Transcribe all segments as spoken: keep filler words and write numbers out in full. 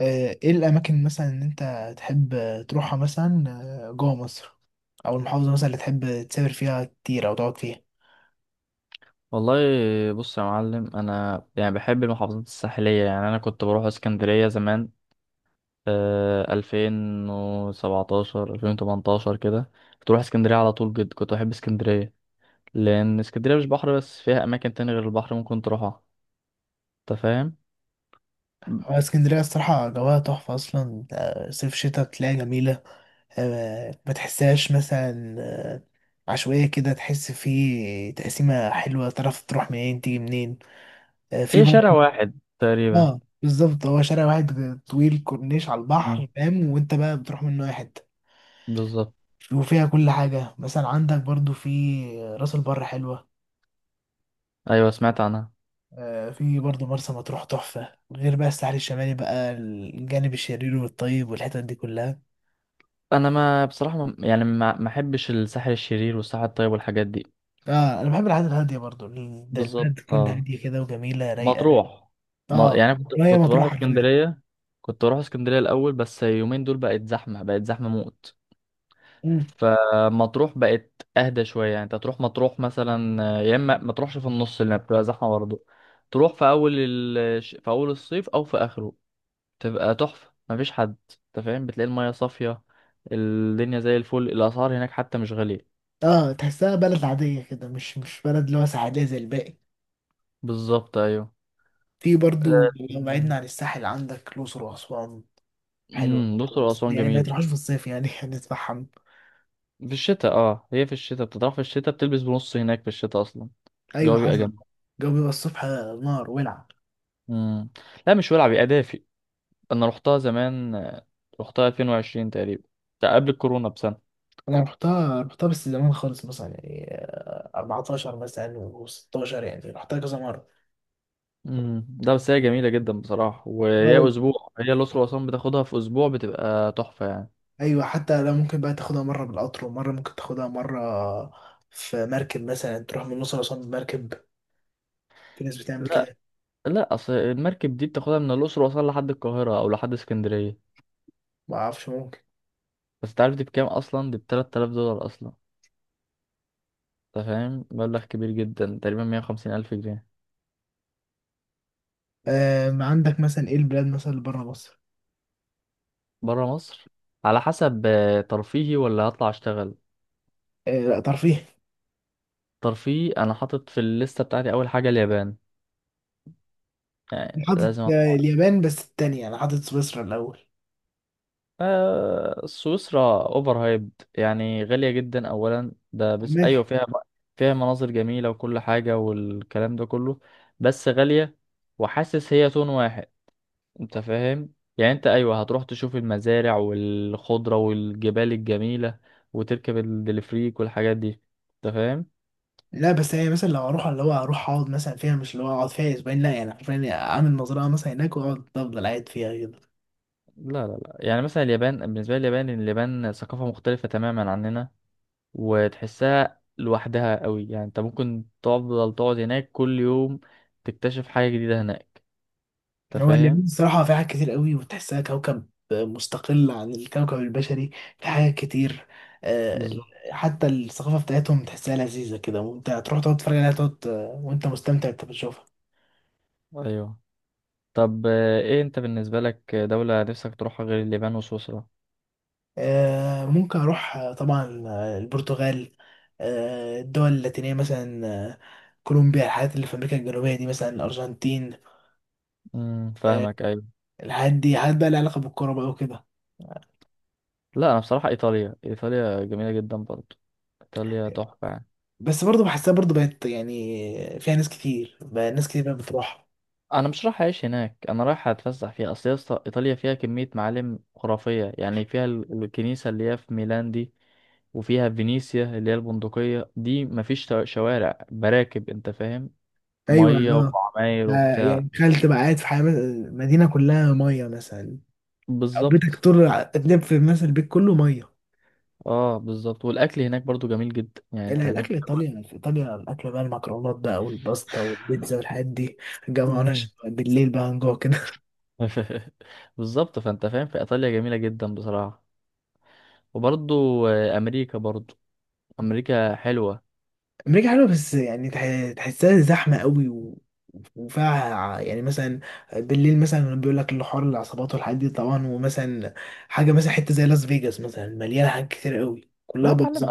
آه، ايه الاماكن مثلا ان انت تحب تروحها مثلا، آه، جوه مصر او المحافظه مثلا اللي تحب تسافر فيها كتير او تقعد فيها؟ والله، بص يا معلم، انا يعني بحب المحافظات الساحليه. يعني انا كنت بروح اسكندريه زمان. آه ألفين وسبعتاشر ألفين وتمنتاشر كده، كنت بروح اسكندريه على طول. جد كنت بحب اسكندريه، لان اسكندريه مش بحر بس، فيها اماكن تانية غير البحر ممكن تروحها. انت فاهم؟ هو اسكندريه الصراحه جواها تحفه اصلا، آه، صيف شتاء تلاقيها جميله. آه، ما تحسهاش مثلا آه، عشوائيه كده، تحس فيه تقسيمه حلوه، تعرف تروح منين تيجي منين. آه، في هي برضه. شارع واحد تقريبا. اه بالظبط، هو شارع واحد طويل كورنيش على مم. البحر، فاهم؟ وانت بقى بتروح منه اي حته. بالظبط. وفيها كل حاجه، مثلا عندك برضو في راس البر حلوه. ايوه سمعت عنها. آه، في برضه مرسى مطروح تحفة، غير بقى الساحل الشمالي بقى الجانب الشرير والطيب والحتت دي كلها. انا ما بصراحه، ما يعني ما ما احبش الساحل الشرير والساحل الطيب والحاجات دي. اه انا بحب الحاجات الهادية برضه. ال- ده البلد بالظبط، تكون اه. هادية كده وجميلة رايقة. مطروح، ما اه، يعني أنا كنت وهي كنت بروح مطروح حرفيا. اسكندرية. كنت بروح اسكندرية الأول، بس يومين دول بقت زحمة بقت زحمة موت. مم. فمطروح بقت أهدى شوية. يعني أنت تروح مطروح مثلا، يا إما ما تروحش في النص اللي بتبقى زحمة برضه، تروح في أول ال... في أول الصيف أو في آخره. تبقى تحفة مفيش حد. أنت فاهم؟ بتلاقي المياه صافية، الدنيا زي الفل، الأسعار هناك حتى مش غالية. اه تحسها بلد عادية كده، مش مش بلد اللي هو ساحلية زي الباقي. بالظبط، أيوه. في برضه، أه، لو بعدنا عن الساحل عندك الأقصر وأسوان. حلوة أمم، الأقصر برضه. بس وأسوان يعني ما جميل تروحش في الصيف يعني هنتفحم. في الشتاء. اه، هي في الشتاء بتطرح، في الشتاء بتلبس بنص هناك في الشتاء اصلا. ايوه الجو بيبقى جامد. حصل. الجو بيبقى الصبح نار ولع. مم. لا مش ولع، بيبقى دافي. انا رحتها زمان، آه، رحتها ألفين وعشرين تقريبا. ده قبل الكورونا بسنة. انا رحتها رحتها بس زمان خالص، مثلا يعني آه، اربعتاشر مثلا و16، يعني رحتها كذا مره. مم. ده بس هي جميلة جدا بصراحة، وهي أول. اسبوع. هي الأقصر وأسوان بتاخدها في اسبوع، بتبقى تحفة يعني. ايوه، حتى لو ممكن بقى تاخدها مره بالقطر، ومره ممكن تاخدها مره في مركب مثلا، تروح من الأقصر أسوان بمركب. في ناس بتعمل لا كده. لا اصل المركب دي بتاخدها من الأقصر وأسوان لحد القاهرة او لحد اسكندرية. ما اعرفش، ممكن. بس تعرف دي بكام اصلا؟ دي ب تلاتة آلاف دولار اصلا. انت فاهم؟ مبلغ كبير جدا، تقريبا مية وخمسين الف جنيه. آه عندك مثلا ايه البلاد مثلا اللي بره مصر؟ برا مصر، على حسب، آه، ترفيهي ولا هطلع اشتغل؟ آه لا ترفيه. ترفيهي انا حاطط في الليسته بتاعتي اول حاجه اليابان، أنا يعني حاطط لازم آه، اطلع. اليابان، بس التانية انا حاطط سويسرا الاول. آه سويسرا اوفر هايبد، يعني غاليه جدا اولا ده، بس ايوه ماشي. فيها، فيها مناظر جميله وكل حاجه والكلام ده كله، بس غاليه. وحاسس هي تون واحد. انت فاهم؟ يعني انت ايوه هتروح تشوف المزارع والخضره والجبال الجميله، وتركب الدليفريك والحاجات دي. انت فاهم؟ لا بس يعني مثلا لو اروح، اللي هو اروح اقعد مثلا فيها، مش اللي هو اقعد فيها اسبوعين، لا يعني حرفيا، يعني اعمل مزرعه مثلا هناك واقعد افضل قاعد فيها كده. لا لا لا يعني مثلا اليابان، بالنسبة لي اليابان اليابان ثقافة مختلفة تماما عننا. وتحسها لوحدها قوي. يعني انت ممكن تفضل تقعد هناك كل يوم، تكتشف حاجة جديدة هناك. انت هو فاهم؟ اليمين الصراحه، في حاجات كتير قوي، وتحسها كوكب مستقل عن الكوكب البشري. في حاجات كتير. آه، بالظبط، حتى الثقافه بتاعتهم تحسها لذيذه كده، وانت تروح تقعد تتفرج عليها، تقعد آه، وانت مستمتع انت بتشوفها. ايوه. طب آه، ايه انت بالنسبة لك دولة نفسك تروحها غير اليابان وسويسرا؟ آه، ممكن اروح، آه، طبعا، آه، البرتغال. آه، الدول اللاتينيه مثلا، آه، كولومبيا، الحاجات اللي في امريكا الجنوبيه دي، مثلا الارجنتين. امم، آه، فاهمك ايوه. الحاجات دي حاجات بقى لها علاقه بالكوره بقى وكده. لا انا بصراحة ايطاليا ايطاليا جميلة جدا برضو. ايطاليا تحفة يعني. بس برضه بحسها برضه بقت، يعني فيها ناس كتير بقى ناس كتير بقى بتروح. انا مش رايح اعيش هناك، انا رايح اتفسح فيها. اصل يا اسطى، ايطاليا فيها كميه معالم خرافيه، يعني فيها ال- الكنيسه اللي هي في ميلان دي، وفيها فينيسيا اللي هي البندقيه دي. مفيش شو- شوارع، براكب. انت فاهم؟ ايوه ميه اه. وعماير آه، وبتاع. يعني تخيل تبقى قاعد في حي- مدينه كلها ميه مثلا. او بيتك بالظبط، طول الع- تنام في مثلا البيت كله ميه. اه. بالظبط، والاكل هناك برضو جميل جدا يعني. انت لا هناك الاكل تاكل. ايطاليا، في ايطاليا الاكل بقى المكرونات بقى والباستا والبيتزا والحاجات دي. الجو هنا مم. بالليل بقى هنجوع كده. بالظبط. فانت فاهم؟ في ايطاليا جميله جدا بصراحه. وبرضو آه، امريكا برضو. امريكا حلوه. أمريكا حلوة، بس يعني تح- تحسها زحمة قوي، و... وفيها ع- يعني مثلا بالليل مثلا بيقول لك الحوار العصابات والحاجات دي طبعا، ومثلا حاجة مثلا حتة زي لاس فيجاس مثلا مليانة حاجات كتير قوي آه، كلها يا معلم، بلطجة.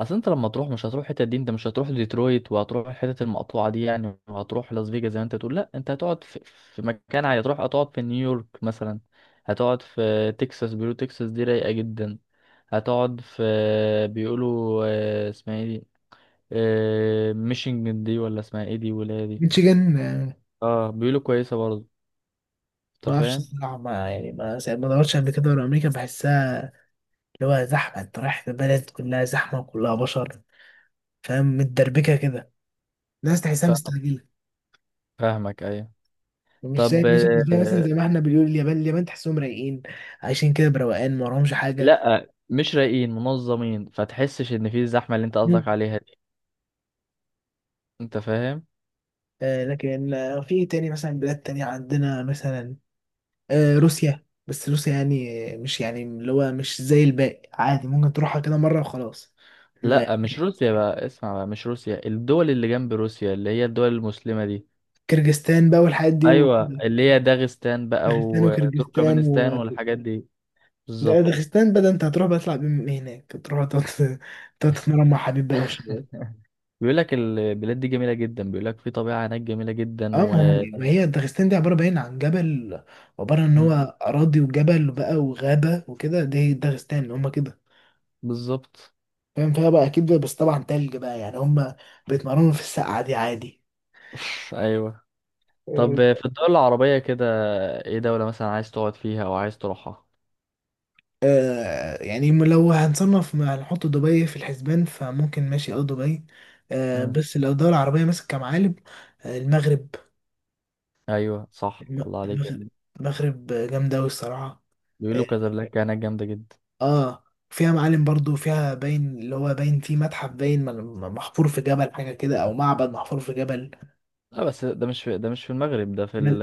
اصل انت لما تروح مش هتروح الحتت دي. انت مش هتروح ديترويت وهتروح الحتت المقطوعه دي يعني، وهتروح لاس فيجاس زي ما انت تقول، لا. انت هتقعد في، في مكان عادي، هتروح هتقعد في نيويورك مثلا. هتقعد في تكساس، بيقولوا تكساس دي رايقه جدا. هتقعد في، بيقولوا آه، اسمها ايه دي، آه، ميشيغان دي ولا اسمها ايه دي ولا إيه دي. ميتشيجان. آه، اه بيقولوا كويسه برضه. ما انت اعرفش فاهم؟ الصراحة، ما يعني ما سا- ما دورتش قبل كده ورا أمريكا، بحسها اللي هو زحمة، أنت رايح بلد كلها زحمة وكلها بشر، فاهم؟ متدربكة كده، الناس تحسها فاهم- مستعجلة. فاهمك ايوه. مش زي طب الناس اللي مثلا زي آه، ما احنا بنقول اليابان. اليابان تحسهم رايقين، عايشين كده بروقان، ما وراهمش حاجة. لا مش رايقين، منظمين. فتحسش ان في الزحمه اللي انت قصدك عليها دي. انت فاهم؟ آه، لكن آه، في إيه تاني مثلا؟ بلاد تانية عندنا، مثلا آه، روسيا. بس روسيا يعني آه، مش يعني اللي هو مش زي الباقي، عادي ممكن تروحها كده مرة وخلاص. م- لا مش روسيا بقى، اسمع بقى، مش روسيا. الدول اللي جنب روسيا اللي هي الدول المسلمة دي. كرجستان بقى والحاجات دي و- ايوه اللي هي داغستان بقى داغستان وكرجستان و وتركمانستان والحاجات دي. ده- بالظبط. داغستان بقى، ده انت هتروح بقى تطلع بيهم هناك، تروح تقعد تقعد تتمرن مع حبيب بقى وشباب. بيقول لك البلاد دي جميلة جدا، بيقول لك في طبيعة هناك جميلة جدا اه و... ما هم ما هي داغستان دي عبارة باين عن جبل، عبارة ان هو مم. اراضي وجبل بقى وغابة وكده. دي داغستان هم كده. بالظبط. فاهم فيها بقى اكيد، بس طبعا تلج بقى يعني هم بيتمرنوا في السقعه دي عادي. ايوه. طب آه، في الدول العربية كده، ايه دولة مثلا عايز تقعد فيها او عايز تروحها؟ آه يعني م- لو هنصنف، ما هنحط دبي في الحسبان، فممكن ماشي اه دبي. آه مم. بس لو الدولة العربية مثلا كمعالم، آه المغرب. ايوه صح، الم- الله عليك. المغرب. المغرب جامدة أوي الصراحة. اه. بيقولوا كازابلانكا هناك جامدة جدا. آه، فيها معالم برضو، فيها باين اللي هو باين فيه متحف باين م- محفور في جبل حاجة كده، أو معبد محفور في جبل. لا بس ده مش في، ده مش في المغرب، ده في ال...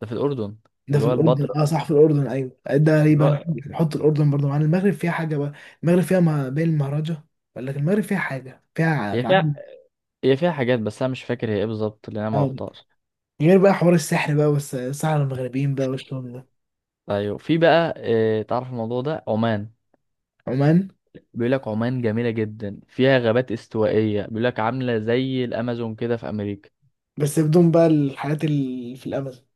ده في الأردن. ده اللي في هو الاردن، البتراء. اه صح في الاردن، ايوه. ده اللي يبقى نح- هو، نحط الاردن برضه معانا. المغرب فيها حاجه بقى. المغرب فيها ما بين المهرجة، ولا لكن المغرب فيها حاجه فيها هي معاني. فيها، هي فيها حاجات بس أنا مش فاكر هي إيه بالظبط لأن أنا آه. معرفتهاش. غير بقى حوار السحر بقى والسحر المغربيين بقى والشغل ده. أيوة في بقى، إيه تعرف الموضوع ده؟ عمان. عمان. بيقول لك عمان جميلة جدا، فيها غابات استوائية، بيقول لك عاملة زي الأمازون كده في أمريكا. بس بدون بقى الحاجات اللي في الامازون.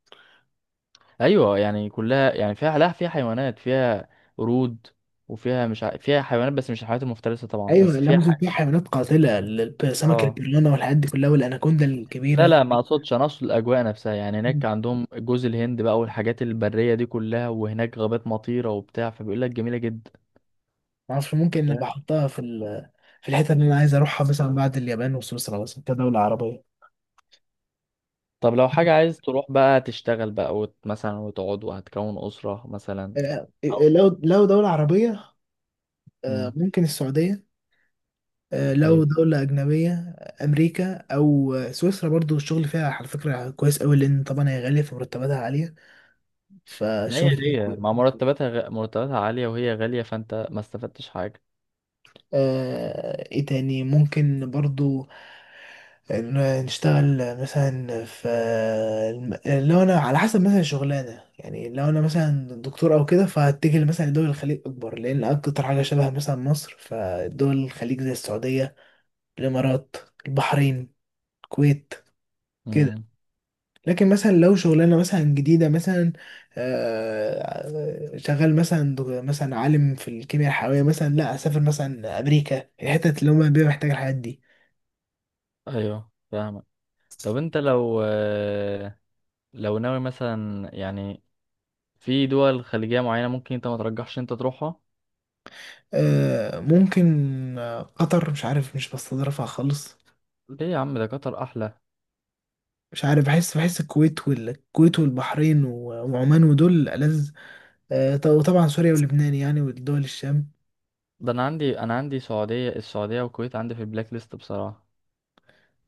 أيوة يعني كلها، يعني فيها، لا فيها حيوانات، فيها قرود، وفيها مش ع... فيها حيوانات بس مش الحيوانات المفترسة طبعا، ايوه، بس فيها الامازون حاجة. فيها حيوانات قاتله، ال- سمك اه البيرانا والحاجات دي كلها، والاناكوندا لا الكبيره. لا ما اقصدش، انا اقصد الاجواء نفسها. يعني هناك مم. عندهم جوز الهند بقى والحاجات البريه دي كلها، وهناك غابات مطيره وبتاع، فبيقول لك جميله جدا. معرفش، أنت ممكن انا فاهم؟ بحطها في ال... في الحته اللي انا عايز اروحها مثلا بعد اليابان وسويسرا، مثلا كدوله عربيه. طب لو حاجه عايز تروح بقى تشتغل بقى وت... مثلا وتقعد وهتكون اسره مثلا. آه، أو- آه، لو لو دولة عربية. آه، امم، ممكن السعودية. آه، لو ايوه. دولة أجنبية، آه، أمريكا أو آه، سويسرا. برضو الشغل فيها على فكرة كويس أوي، لأن طبعا هي غالية فمرتباتها عالية، ما هي فالشغل فيها هي مع كويس. مرتباتها غ... مرتباتها عاليه، وهي غاليه، فانت ما استفدتش حاجه. آه، إيه تاني ممكن برضو؟ ن- نشتغل مثلا في الم- لو أنا على حسب مثلا الشغلانة، يعني لو أنا مثلا دكتور أو كده، فهتجه مثلا لدول الخليج أكبر، لأن أكتر حاجة شبه مثلا مصر فدول الخليج زي السعودية، الإمارات، البحرين، الكويت كده. امم، لكن مثلا لو شغلانه مثلا جديده، مثلا آه، شغال مثلا دغ- مثلا عالم في الكيمياء الحيويه مثلا، لا اسافر مثلا امريكا، الحتت اللي هم بيبقى محتاج الحاجات دي. ايوه فاهمك. طب انت لو آه، لو ناوي مثلا يعني، في دول خليجيه معينه ممكن انت ما ترجحش انت تروحها؟ آه، ممكن. آه، قطر مش عارف، مش بستظرفها خالص. ليه يا عم، ده قطر احلى. مش عارف، بحس بحس الكويت والكويت والبحرين و- وعمان ودول ألذ. آه، ط- وطبعا سوريا ولبنان، يعني ودول الشام. ده انا عندي، انا عندي سعودية، السعودية والكويت عندي في البلاك ليست بصراحة.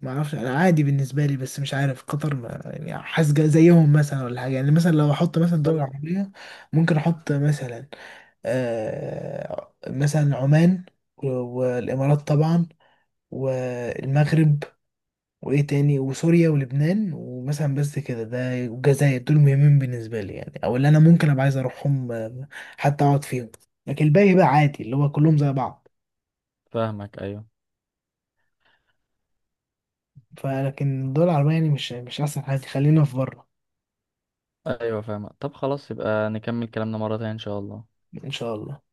ما اعرفش، انا عادي بالنسبه لي، بس مش عارف قطر ما- يعني حاسس جا- زيهم مثلا ولا حاجه. يعني مثلا لو احط مثلا لا دول لا عربيه، ممكن احط مثلا آه مثلا عمان و- والامارات طبعا، والمغرب، وايه تاني، وسوريا ولبنان، ومثلا بس كده، ده والجزائر. دول مهمين بالنسبه لي يعني، او اللي انا ممكن ابقى عايز اروحهم، آه، حتى اقعد فيهم. لكن الباقي بقى عادي اللي هو كلهم زي بعض. فاهمك ايوه. فلكن الدول العربيه يعني مش مش احسن حاجه، خلينا في بره. ايوه فاهمك. طب خلاص يبقى نكمل كلامنا مرة تانية ان شاء الله. ان شاء الله.